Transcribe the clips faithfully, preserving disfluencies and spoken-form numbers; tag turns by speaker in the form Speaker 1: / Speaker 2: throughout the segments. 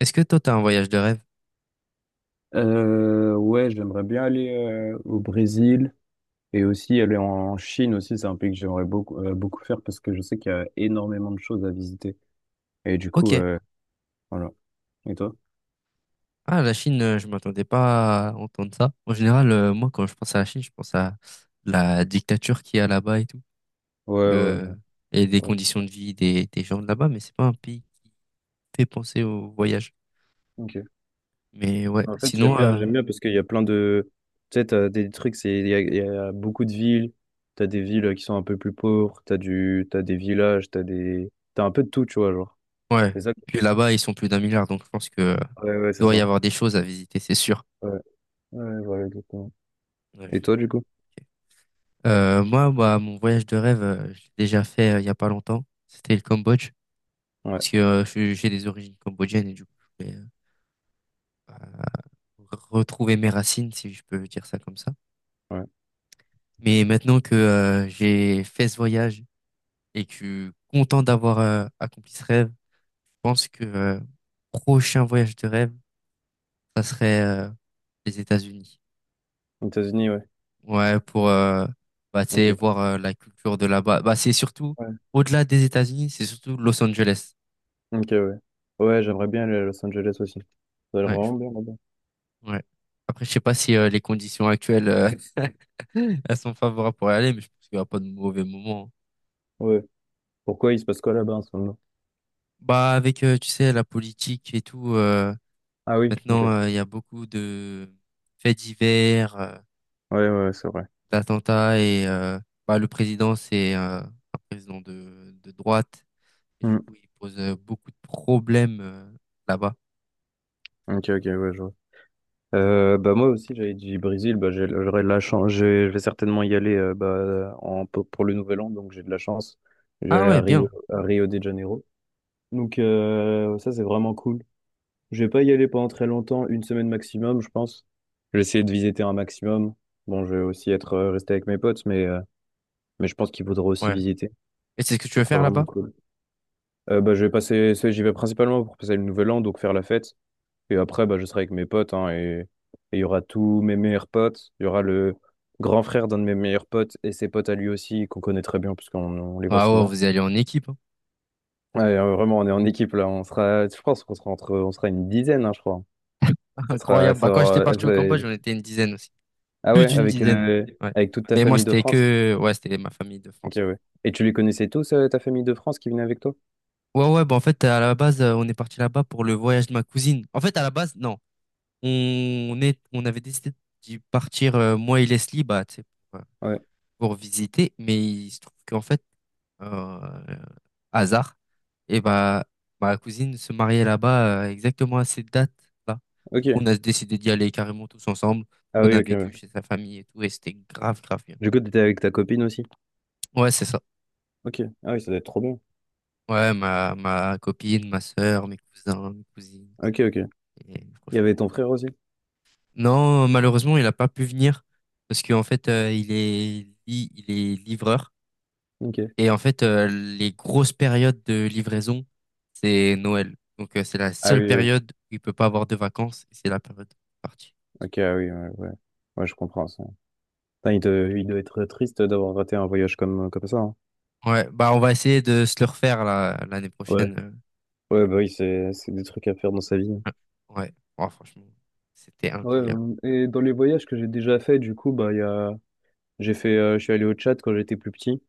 Speaker 1: Est-ce que toi, t'as un voyage de rêve?
Speaker 2: Euh, ouais, j'aimerais bien aller euh, au Brésil et aussi aller en Chine aussi. C'est un pays que j'aimerais beaucoup, euh, beaucoup faire parce que je sais qu'il y a énormément de choses à visiter. Et du coup,
Speaker 1: Ok.
Speaker 2: euh, voilà. Et toi?
Speaker 1: Ah, la Chine, euh, je m'attendais pas à entendre ça. En général, euh, moi, quand je pense à la Chine, je pense à la dictature qu'il y a là-bas et tout,
Speaker 2: Ouais, ouais,
Speaker 1: euh,
Speaker 2: ouais.
Speaker 1: et des
Speaker 2: Ouais.
Speaker 1: conditions de vie des, des gens de là-bas, mais c'est pas un pays qui fait penser au voyage.
Speaker 2: Ok.
Speaker 1: Mais ouais,
Speaker 2: En fait, j'aime
Speaker 1: sinon,
Speaker 2: bien,
Speaker 1: euh,
Speaker 2: j'aime bien parce qu'il y a plein de. Tu sais, t'as des trucs, c'est, il y a, il y a beaucoup de villes. T'as des villes euh, qui sont un peu plus pauvres. T'as du, t'as des villages. T'as des, t'as un peu de tout, tu vois, genre.
Speaker 1: ouais.
Speaker 2: C'est ça que
Speaker 1: Puis
Speaker 2: j'aime
Speaker 1: là-bas, ils sont plus d'un milliard, donc je pense que euh,
Speaker 2: bien. Ouais, ouais, c'est
Speaker 1: doit y
Speaker 2: ça.
Speaker 1: avoir des choses à visiter, c'est sûr.
Speaker 2: Ouais, ouais, ouais, voilà, exactement.
Speaker 1: Ouais, je
Speaker 2: Et
Speaker 1: suis
Speaker 2: toi,
Speaker 1: d'accord.
Speaker 2: du coup?
Speaker 1: Ok. Euh, moi, bah, mon voyage de rêve, euh, je l'ai déjà fait euh, il y a pas longtemps. C'était le Cambodge.
Speaker 2: Ouais,
Speaker 1: Parce que euh, je- j'ai des origines cambodgiennes et du coup, je voulais euh, bah, retrouver mes racines, si je peux dire ça comme ça.
Speaker 2: ouais.
Speaker 1: Mais maintenant que euh, j'ai fait ce voyage et que je suis content d'avoir euh, accompli ce rêve, je pense que euh, prochain voyage de rêve, ça serait euh, les États-Unis.
Speaker 2: Aux États-Unis, ouais.
Speaker 1: Ouais, pour euh, bah, tu sais,
Speaker 2: Ok.
Speaker 1: voir euh, la culture de là-bas. Bah, c'est surtout,
Speaker 2: Ouais.
Speaker 1: au-delà des États-Unis, c'est surtout Los Angeles.
Speaker 2: Ok, ouais. Ouais, j'aimerais bien aller à Los Angeles aussi. Ça a l'air
Speaker 1: Ouais, je
Speaker 2: vraiment bien là-bas.
Speaker 1: Ouais. Après, je sais pas si euh, les conditions actuelles euh, elles sont favorables pour y aller, mais je pense qu'il n'y aura pas de mauvais moment.
Speaker 2: Ouais. Pourquoi il se passe quoi là-bas en ce moment?
Speaker 1: Bah, avec, euh, tu sais, la politique et tout, euh,
Speaker 2: Ah oui,
Speaker 1: maintenant,
Speaker 2: ok.
Speaker 1: euh, il y a beaucoup de faits divers, euh,
Speaker 2: Ouais, ouais, ouais, c'est vrai.
Speaker 1: d'attentats, et euh, bah, le président, c'est euh, un président de, de droite, et du
Speaker 2: Hmm.
Speaker 1: coup, il pose euh, beaucoup de problèmes euh, là-bas.
Speaker 2: Ok, ok, ouais, je vois. Euh, bah, moi aussi j'avais dit Brésil. Bah, j'ai- j'aurais de la chance. J'ai- je vais certainement y aller euh, bah, en, pour pour le nouvel an, donc j'ai de la chance. Je vais
Speaker 1: Ah
Speaker 2: aller à
Speaker 1: ouais,
Speaker 2: Rio,
Speaker 1: bien,
Speaker 2: à Rio de Janeiro, donc euh, ça c'est vraiment cool. Je vais pas y aller pendant très longtemps, une semaine maximum je pense. Je vais essayer de visiter un maximum. Bon, je vais aussi être euh, resté avec mes potes, mais euh, mais je pense qu'il faudra aussi
Speaker 1: ouais.
Speaker 2: visiter.
Speaker 1: Et c'est ce que tu
Speaker 2: Ça
Speaker 1: veux
Speaker 2: sera
Speaker 1: faire
Speaker 2: vraiment
Speaker 1: là-bas?
Speaker 2: cool. Euh, bah, je vais passer, c'est- j'y vais principalement pour passer le nouvel an, donc faire la fête. Et après, bah, je serai avec mes potes, hein, et et il y aura tous mes meilleurs potes. Il y aura le grand frère d'un de mes meilleurs potes et ses potes à lui aussi, qu'on connaît très bien, puisqu'on on les voit
Speaker 1: Ah ouais,
Speaker 2: souvent.
Speaker 1: vous allez en équipe, hein.
Speaker 2: Ouais, euh, vraiment, on est en équipe là. On sera, je pense qu'on sera entre, on sera une dizaine, hein, je crois. Ça sera,
Speaker 1: Incroyable.
Speaker 2: ça
Speaker 1: Bah, quand j'étais
Speaker 2: aura-
Speaker 1: parti au
Speaker 2: ça-
Speaker 1: Cambodge, on était une dizaine aussi.
Speaker 2: ah
Speaker 1: Plus
Speaker 2: ouais,
Speaker 1: d'une
Speaker 2: avec,
Speaker 1: dizaine.
Speaker 2: euh,
Speaker 1: Ouais.
Speaker 2: avec toute ta
Speaker 1: Mais moi,
Speaker 2: famille de
Speaker 1: c'était
Speaker 2: France.
Speaker 1: que, ouais, c'était ma famille de
Speaker 2: Ok,
Speaker 1: France.
Speaker 2: ouais. Et tu les connaissais tous, euh, ta famille de France qui venait avec toi?
Speaker 1: Ouais, ouais, ouais, bah en fait, à la base, euh, on est parti là-bas pour le voyage de ma cousine. En fait, à la base, non. On est, on avait décidé d'y partir, euh, moi et Leslie, bah, tu sais, pour, euh,
Speaker 2: Ouais.
Speaker 1: pour visiter. Mais il se trouve qu'en fait, euh, hasard, et bah, ma cousine se mariait là-bas, euh, exactement à cette date-là. Du
Speaker 2: Ok.
Speaker 1: coup, on a décidé d'y aller carrément tous ensemble.
Speaker 2: Ah
Speaker 1: On
Speaker 2: oui,
Speaker 1: a
Speaker 2: ok. Ouais.
Speaker 1: vécu chez sa famille et tout, et c'était grave, grave bien.
Speaker 2: Du coup, t'étais avec ta copine aussi?
Speaker 1: Ouais, c'est ça.
Speaker 2: Ok. Ah oui, ça doit être trop bien.
Speaker 1: Ouais, ma, ma copine, ma sœur, mes cousins, mes cousines.
Speaker 2: Ok, ok.
Speaker 1: Et
Speaker 2: Il y avait
Speaker 1: franchement.
Speaker 2: ton frère aussi?
Speaker 1: Non, malheureusement, il n'a pas pu venir parce qu'en fait, euh, il est, li- il est livreur.
Speaker 2: Ok.
Speaker 1: Et en fait, euh, les grosses périodes de livraison, c'est Noël. Donc, euh, c'est la
Speaker 2: Ah
Speaker 1: seule
Speaker 2: oui, oui.
Speaker 1: période où il peut pas avoir de vacances. et C'est la période de partie.
Speaker 2: Ok, ah oui, ouais, ouais. Ouais, je comprends ça. Putain, il, te- il doit être triste d'avoir raté un voyage comme, comme ça, hein.
Speaker 1: Ouais, bah, on va essayer de se le refaire là, l'année
Speaker 2: Ouais.
Speaker 1: prochaine. euh.
Speaker 2: Ouais, bah oui, c'est c'est des trucs à faire dans sa vie, hein.
Speaker 1: Ouais, Oh, franchement, c'était
Speaker 2: Ouais,
Speaker 1: incroyable.
Speaker 2: euh, et dans les voyages que j'ai déjà fait, du coup, bah, il y a... j'ai fait, euh, Je suis allé au Tchad quand j'étais plus petit.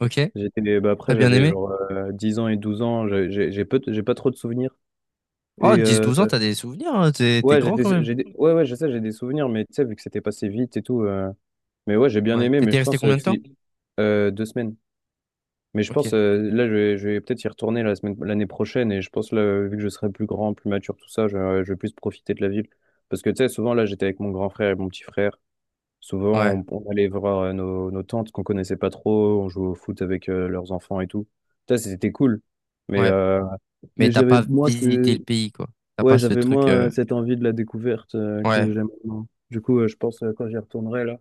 Speaker 1: Ok,
Speaker 2: J'étais, bah, après,
Speaker 1: t'as bien
Speaker 2: j'avais
Speaker 1: aimé?
Speaker 2: genre euh, 10 ans et douze ans. J'ai j'ai- j'ai peu, j'ai pas trop de souvenirs.
Speaker 1: Oh,
Speaker 2: Et
Speaker 1: dix
Speaker 2: euh,
Speaker 1: douze ans, t'as des souvenirs, hein, T'es t'es
Speaker 2: ouais, j'ai
Speaker 1: grand quand
Speaker 2: des-
Speaker 1: même.
Speaker 2: j'ai des- ouais, ouais, je sais, j'ai des souvenirs, mais tu sais, vu que c'était passé vite et tout, euh, mais ouais, j'ai bien
Speaker 1: Ouais.
Speaker 2: aimé, mais
Speaker 1: T'étais
Speaker 2: je
Speaker 1: resté
Speaker 2: pense euh,
Speaker 1: combien
Speaker 2: Ok.
Speaker 1: de temps?
Speaker 2: Si euh, deux semaines. Mais je pense
Speaker 1: Ok.
Speaker 2: euh, là, je vais, je vais peut-être y retourner la semaine, l'année prochaine. Et je pense là, euh, vu que je serai plus grand, plus mature, tout ça, je, euh, je vais plus profiter de la ville. Parce que tu sais, souvent là, j'étais avec mon grand frère et mon petit frère. Souvent,
Speaker 1: Ouais.
Speaker 2: on, on allait voir euh, nos, nos tantes qu'on connaissait pas trop. On jouait au foot avec euh, leurs enfants et tout. Ça, c'était cool. Mais
Speaker 1: Ouais.
Speaker 2: euh,
Speaker 1: Mais
Speaker 2: mais
Speaker 1: t'as
Speaker 2: j'avais
Speaker 1: pas
Speaker 2: moins,
Speaker 1: visité
Speaker 2: ce-
Speaker 1: le pays, quoi. T'as pas
Speaker 2: ouais,
Speaker 1: ce
Speaker 2: j'avais
Speaker 1: truc.
Speaker 2: moins
Speaker 1: euh,
Speaker 2: euh, cette envie de la découverte euh, que
Speaker 1: Ouais.
Speaker 2: j'aime maintenant. Du coup, euh, je pense euh, quand j'y retournerai là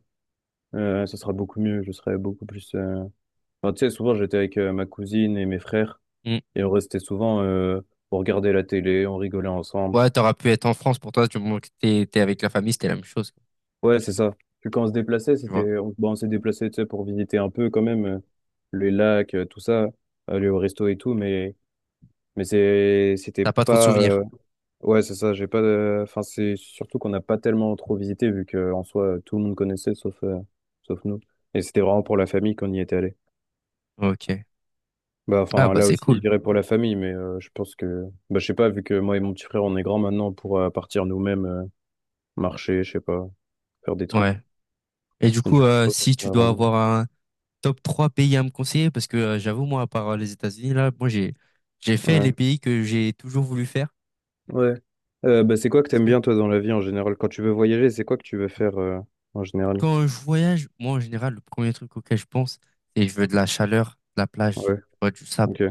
Speaker 2: euh, ça sera beaucoup mieux. Je serai beaucoup plus. euh, Enfin, tu sais, souvent j'étais avec euh, ma cousine et mes frères
Speaker 1: Mm.
Speaker 2: et on restait souvent euh, pour regarder la télé, on rigolait ensemble.
Speaker 1: Ouais, t'aurais pu être en France pour toi, du moment que t'es t'es avec la famille, c'était la même chose. quoi.
Speaker 2: Ouais, c'est ça. Puis quand on se déplaçait,
Speaker 1: Tu vois.
Speaker 2: c'était, on, bon, on s'est déplacé, tu sais, pour visiter un peu quand même euh, les lacs, euh, tout ça, aller au resto et tout, mais mais c'est, c'était
Speaker 1: T'as pas trop de
Speaker 2: pas.
Speaker 1: souvenirs.
Speaker 2: euh, Ouais, c'est ça. J'ai pas. De- Enfin, c'est surtout qu'on n'a pas tellement trop visité vu que en soi tout le monde connaissait sauf euh, sauf nous. Et c'était vraiment pour la famille qu'on y était allé.
Speaker 1: Ok.
Speaker 2: Bah,
Speaker 1: Ah
Speaker 2: enfin,
Speaker 1: bah
Speaker 2: là
Speaker 1: c'est
Speaker 2: aussi, je
Speaker 1: cool.
Speaker 2: dirais pour la famille, mais euh, je pense que, bah, je sais pas, vu que moi et mon petit frère, on est grands maintenant pour euh, partir nous-mêmes, euh, marcher, je sais pas, faire des trucs.
Speaker 1: Ouais. Et du
Speaker 2: Et
Speaker 1: coup,
Speaker 2: du coup, je
Speaker 1: euh,
Speaker 2: pense que
Speaker 1: si
Speaker 2: ça
Speaker 1: tu
Speaker 2: va
Speaker 1: dois
Speaker 2: vraiment-
Speaker 1: avoir un top trois pays à me conseiller, parce que euh, j'avoue, moi, à part euh, les États-Unis, là, moi j'ai j'ai fait les
Speaker 2: Ouais.
Speaker 1: pays que j'ai toujours voulu faire.
Speaker 2: Ouais. Euh, bah, c'est quoi que
Speaker 1: Parce
Speaker 2: t'aimes
Speaker 1: que
Speaker 2: bien, toi, dans la vie en général? Quand tu veux voyager, c'est quoi que tu veux faire euh, en général?
Speaker 1: quand je voyage, moi en général, le premier truc auquel je pense, c'est je veux de la chaleur, de la plage, tu
Speaker 2: Ouais,
Speaker 1: vois, du sable.
Speaker 2: ok.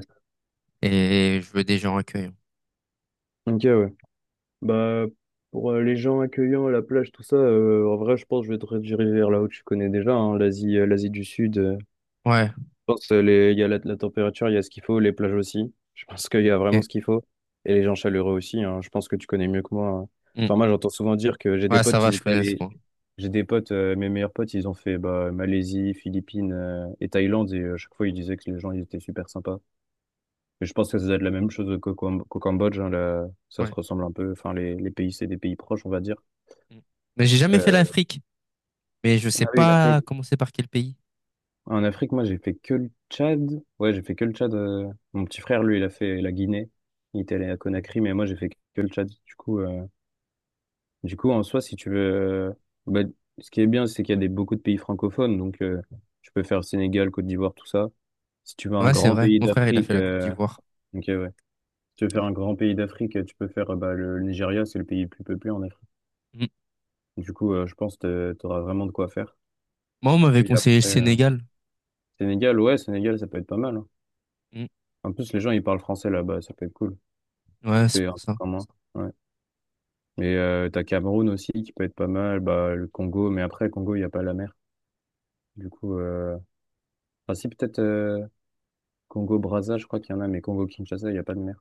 Speaker 1: Et je veux des gens accueillants.
Speaker 2: Ok, ouais. Bah, pour euh, les gens accueillants, la plage, tout ça, euh, en vrai, je pense que je vais te rediriger vers là où tu connais déjà, hein, l'Asie, euh, l'Asie du Sud.
Speaker 1: Ouais,
Speaker 2: Je pense euh, les- il y a la, la température, il y a ce qu'il faut, les plages aussi. Je pense qu'il y a vraiment
Speaker 1: ok.
Speaker 2: ce qu'il faut. Et les gens chaleureux aussi, hein. Je pense que tu connais mieux que moi, hein.
Speaker 1: Mm.
Speaker 2: Enfin, moi, j'entends souvent dire que j'ai des
Speaker 1: Ouais, ça
Speaker 2: potes,
Speaker 1: va,
Speaker 2: ils
Speaker 1: je
Speaker 2: étaient
Speaker 1: connais ce
Speaker 2: allés.
Speaker 1: coin.
Speaker 2: J'ai des potes, euh, mes meilleurs potes, ils ont fait bah, Malaisie, Philippines euh, et Thaïlande. Et euh, à chaque fois, ils disaient que les gens, ils étaient super sympas. Et je pense que ça doit être la même chose qu'au Cam- qu'au Cambodge, hein, là. Ça se
Speaker 1: Ouais.
Speaker 2: ressemble un peu. Enfin, les, les pays, c'est des pays proches, on va dire.
Speaker 1: Mm. Mais j'ai jamais fait
Speaker 2: Euh,
Speaker 1: l'Afrique. Mais je sais
Speaker 2: Ah oui, la.
Speaker 1: pas commencer par quel pays.
Speaker 2: En Afrique, moi, j'ai fait que le Tchad. Ouais, j'ai fait que le Tchad. euh, Mon petit frère, lui, il a fait la Guinée. Il était allé à Conakry, mais moi, j'ai fait que le Tchad. Du coup, euh, du coup, en soi, si tu veux, euh, bah, ce qui est bien, c'est qu'il y a des, beaucoup de pays francophones. Donc, euh, tu peux faire Sénégal, Côte d'Ivoire, tout ça. Si tu veux un
Speaker 1: Ouais, c'est
Speaker 2: grand
Speaker 1: vrai.
Speaker 2: pays
Speaker 1: Mon frère, il a
Speaker 2: d'Afrique,
Speaker 1: fait la Côte
Speaker 2: euh,
Speaker 1: d'Ivoire.
Speaker 2: ok, ouais. Si tu veux faire un grand pays d'Afrique, euh, tu peux faire euh, bah, le Nigeria, c'est le pays le plus peuplé en Afrique.
Speaker 1: Mm.
Speaker 2: Du coup, euh, je pense que tu auras vraiment de quoi faire.
Speaker 1: Moi, on m'avait
Speaker 2: Et
Speaker 1: conseillé le
Speaker 2: après, euh,
Speaker 1: Sénégal.
Speaker 2: Sénégal, ouais, Sénégal, ça peut être pas mal, hein.
Speaker 1: Mm.
Speaker 2: En plus, les gens, ils parlent français là-bas, ça peut être cool.
Speaker 1: Ouais, c'est
Speaker 2: C'est un
Speaker 1: pour
Speaker 2: peu
Speaker 1: ça.
Speaker 2: comme moi. Ouais. Mais euh, t'as Cameroun aussi qui peut être pas mal, bah, le Congo, mais après, Congo, il n'y a pas la mer. Du coup, euh... enfin, si, peut-être euh, Congo-Brazza, je crois qu'il y en a, mais Congo-Kinshasa, il n'y a pas de mer.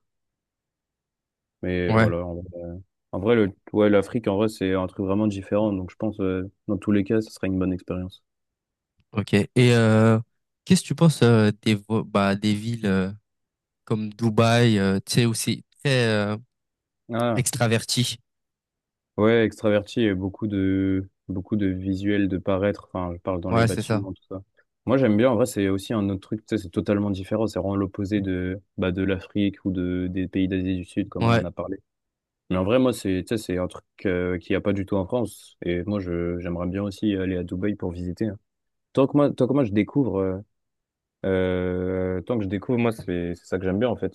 Speaker 2: Mais
Speaker 1: Ouais,
Speaker 2: voilà, en vrai, en vrai, le... ouais, l'Afrique, en vrai, c'est un truc vraiment différent. Donc, je pense, euh, dans tous les cas, ce sera une bonne expérience.
Speaker 1: ok. Et euh, qu'est-ce que tu penses euh, des, vo- bah, des villes euh, comme Dubaï, euh, tu sais, où c'est très euh,
Speaker 2: Ah,
Speaker 1: extraverti.
Speaker 2: ouais, extraverti et beaucoup de beaucoup de visuels de paraître. Enfin, je parle dans les
Speaker 1: Ouais, c'est ça.
Speaker 2: bâtiments, tout ça. Moi, j'aime bien. En vrai, c'est aussi un autre truc. Tu sais, c'est totalement différent. C'est vraiment l'opposé de bah, de l'Afrique ou de des pays d'Asie du Sud, comme on
Speaker 1: Ouais,
Speaker 2: en a parlé. Mais en vrai, moi, c'est tu sais, c'est un truc euh, qu'il n'y a pas du tout en France. Et moi, je j'aimerais bien aussi aller à Dubaï pour visiter, hein. Tant que moi, tant que moi, je découvre. Euh, euh, tant que je découvre, moi, c'est c'est ça que j'aime bien en fait.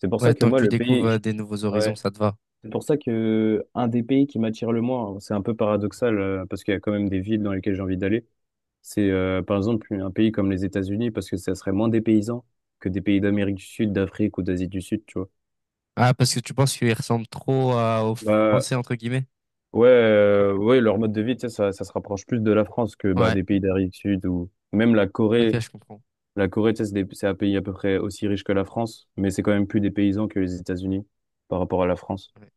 Speaker 2: C'est pour ça
Speaker 1: ouais,
Speaker 2: que
Speaker 1: tant que
Speaker 2: moi,
Speaker 1: tu
Speaker 2: le
Speaker 1: découvres
Speaker 2: pays.
Speaker 1: euh,
Speaker 2: je-
Speaker 1: des nouveaux horizons,
Speaker 2: Ouais.
Speaker 1: ça te va.
Speaker 2: C'est pour ça que un des pays qui m'attire le moins, c'est un peu paradoxal euh, parce qu'il y a quand même des villes dans lesquelles j'ai envie d'aller. C'est euh, par exemple un pays comme les États-Unis parce que ça serait moins dépaysant que des pays d'Amérique du Sud, d'Afrique ou d'Asie du Sud, tu vois.
Speaker 1: Ah, parce que tu penses qu'il ressemble trop à- aux
Speaker 2: Bah
Speaker 1: Français, entre guillemets?
Speaker 2: ouais, euh, ouais, leur mode de vie, tu sais, ça, ça se rapproche plus de la France que bah,
Speaker 1: Ouais,
Speaker 2: des pays d'Amérique du Sud ou même la Corée.
Speaker 1: ok, je comprends.
Speaker 2: La Corée, tu sais, c'est des- c'est un pays à peu près aussi riche que la France, mais c'est quand même plus dépaysant que les États-Unis par rapport à la France.
Speaker 1: Ouais,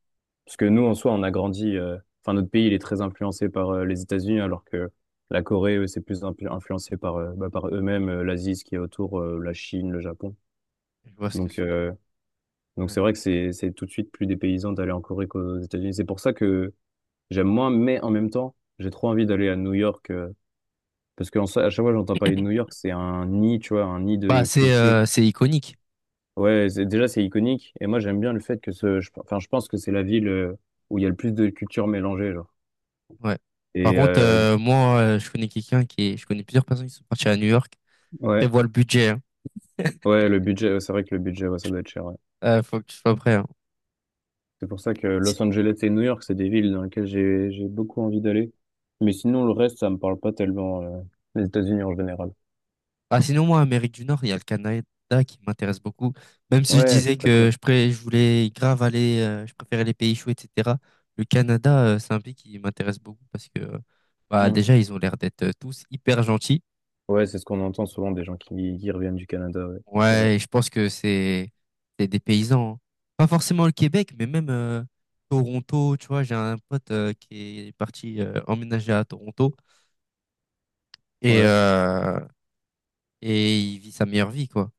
Speaker 2: Parce que nous, en soi, on a grandi. euh, Enfin, notre pays, il est très influencé par euh, les États-Unis, alors que la Corée, eux, c'est plus impl- influencé par, euh, bah, par eux-mêmes, euh, l'Asie, ce qui est autour, euh, la Chine, le Japon.
Speaker 1: je vois ce que
Speaker 2: Donc,
Speaker 1: c'est.
Speaker 2: euh, donc
Speaker 1: Ouais.
Speaker 2: c'est vrai que c'est c'est tout de suite plus dépaysant d'aller en Corée qu'aux États-Unis. C'est pour ça que j'aime moins, mais en même temps, j'ai trop envie d'aller à New York. Euh, parce qu'en soi, à chaque fois, j'entends parler de New York, c'est un nid, tu vois, un nid
Speaker 1: Bah,
Speaker 2: de
Speaker 1: c'est
Speaker 2: culture.
Speaker 1: euh, c'est iconique.
Speaker 2: Ouais, c'est- déjà, c'est iconique. Et moi, j'aime bien le fait que ce. je- Enfin, je pense que c'est la ville euh, où il y a le plus de culture mélangée, genre.
Speaker 1: Ouais. Par
Speaker 2: Et
Speaker 1: contre,
Speaker 2: euh,
Speaker 1: euh, moi, euh, je connais quelqu'un qui est... Je connais plusieurs personnes qui sont parties à New York.
Speaker 2: Ouais,
Speaker 1: Prévois le budget, hein.
Speaker 2: ouais, le budget, ouais, c'est vrai que le budget, ouais, ça doit être cher. Ouais.
Speaker 1: Euh, faut que tu sois prêt, hein.
Speaker 2: C'est pour ça que
Speaker 1: Si-
Speaker 2: Los Angeles et New York, c'est des villes dans lesquelles j'ai j'ai beaucoup envie d'aller. Mais sinon, le reste, ça me parle pas tellement, euh, les États-Unis en général.
Speaker 1: Ah, sinon, moi, Amérique du Nord, il y a le Canada qui m'intéresse beaucoup. Même si je
Speaker 2: Ouais, c'est
Speaker 1: disais
Speaker 2: très
Speaker 1: que
Speaker 2: cool.
Speaker 1: je, pré... je voulais grave aller, euh, je préférais les pays chauds, et cetera. Le Canada, euh, c'est un pays qui m'intéresse beaucoup parce que, euh, bah,
Speaker 2: Mm.
Speaker 1: déjà, ils ont l'air d'être euh, tous hyper gentils.
Speaker 2: Ouais, c'est ce qu'on entend souvent des gens qui, qui reviennent du Canada, ouais, c'est vrai.
Speaker 1: Ouais, et je pense que c'est c'est des paysans. hein. Pas forcément le Québec, mais même euh, Toronto, tu vois, j'ai un pote euh, qui est parti euh, emménager à Toronto et
Speaker 2: Ouais.
Speaker 1: euh, et il vit sa meilleure vie quoi.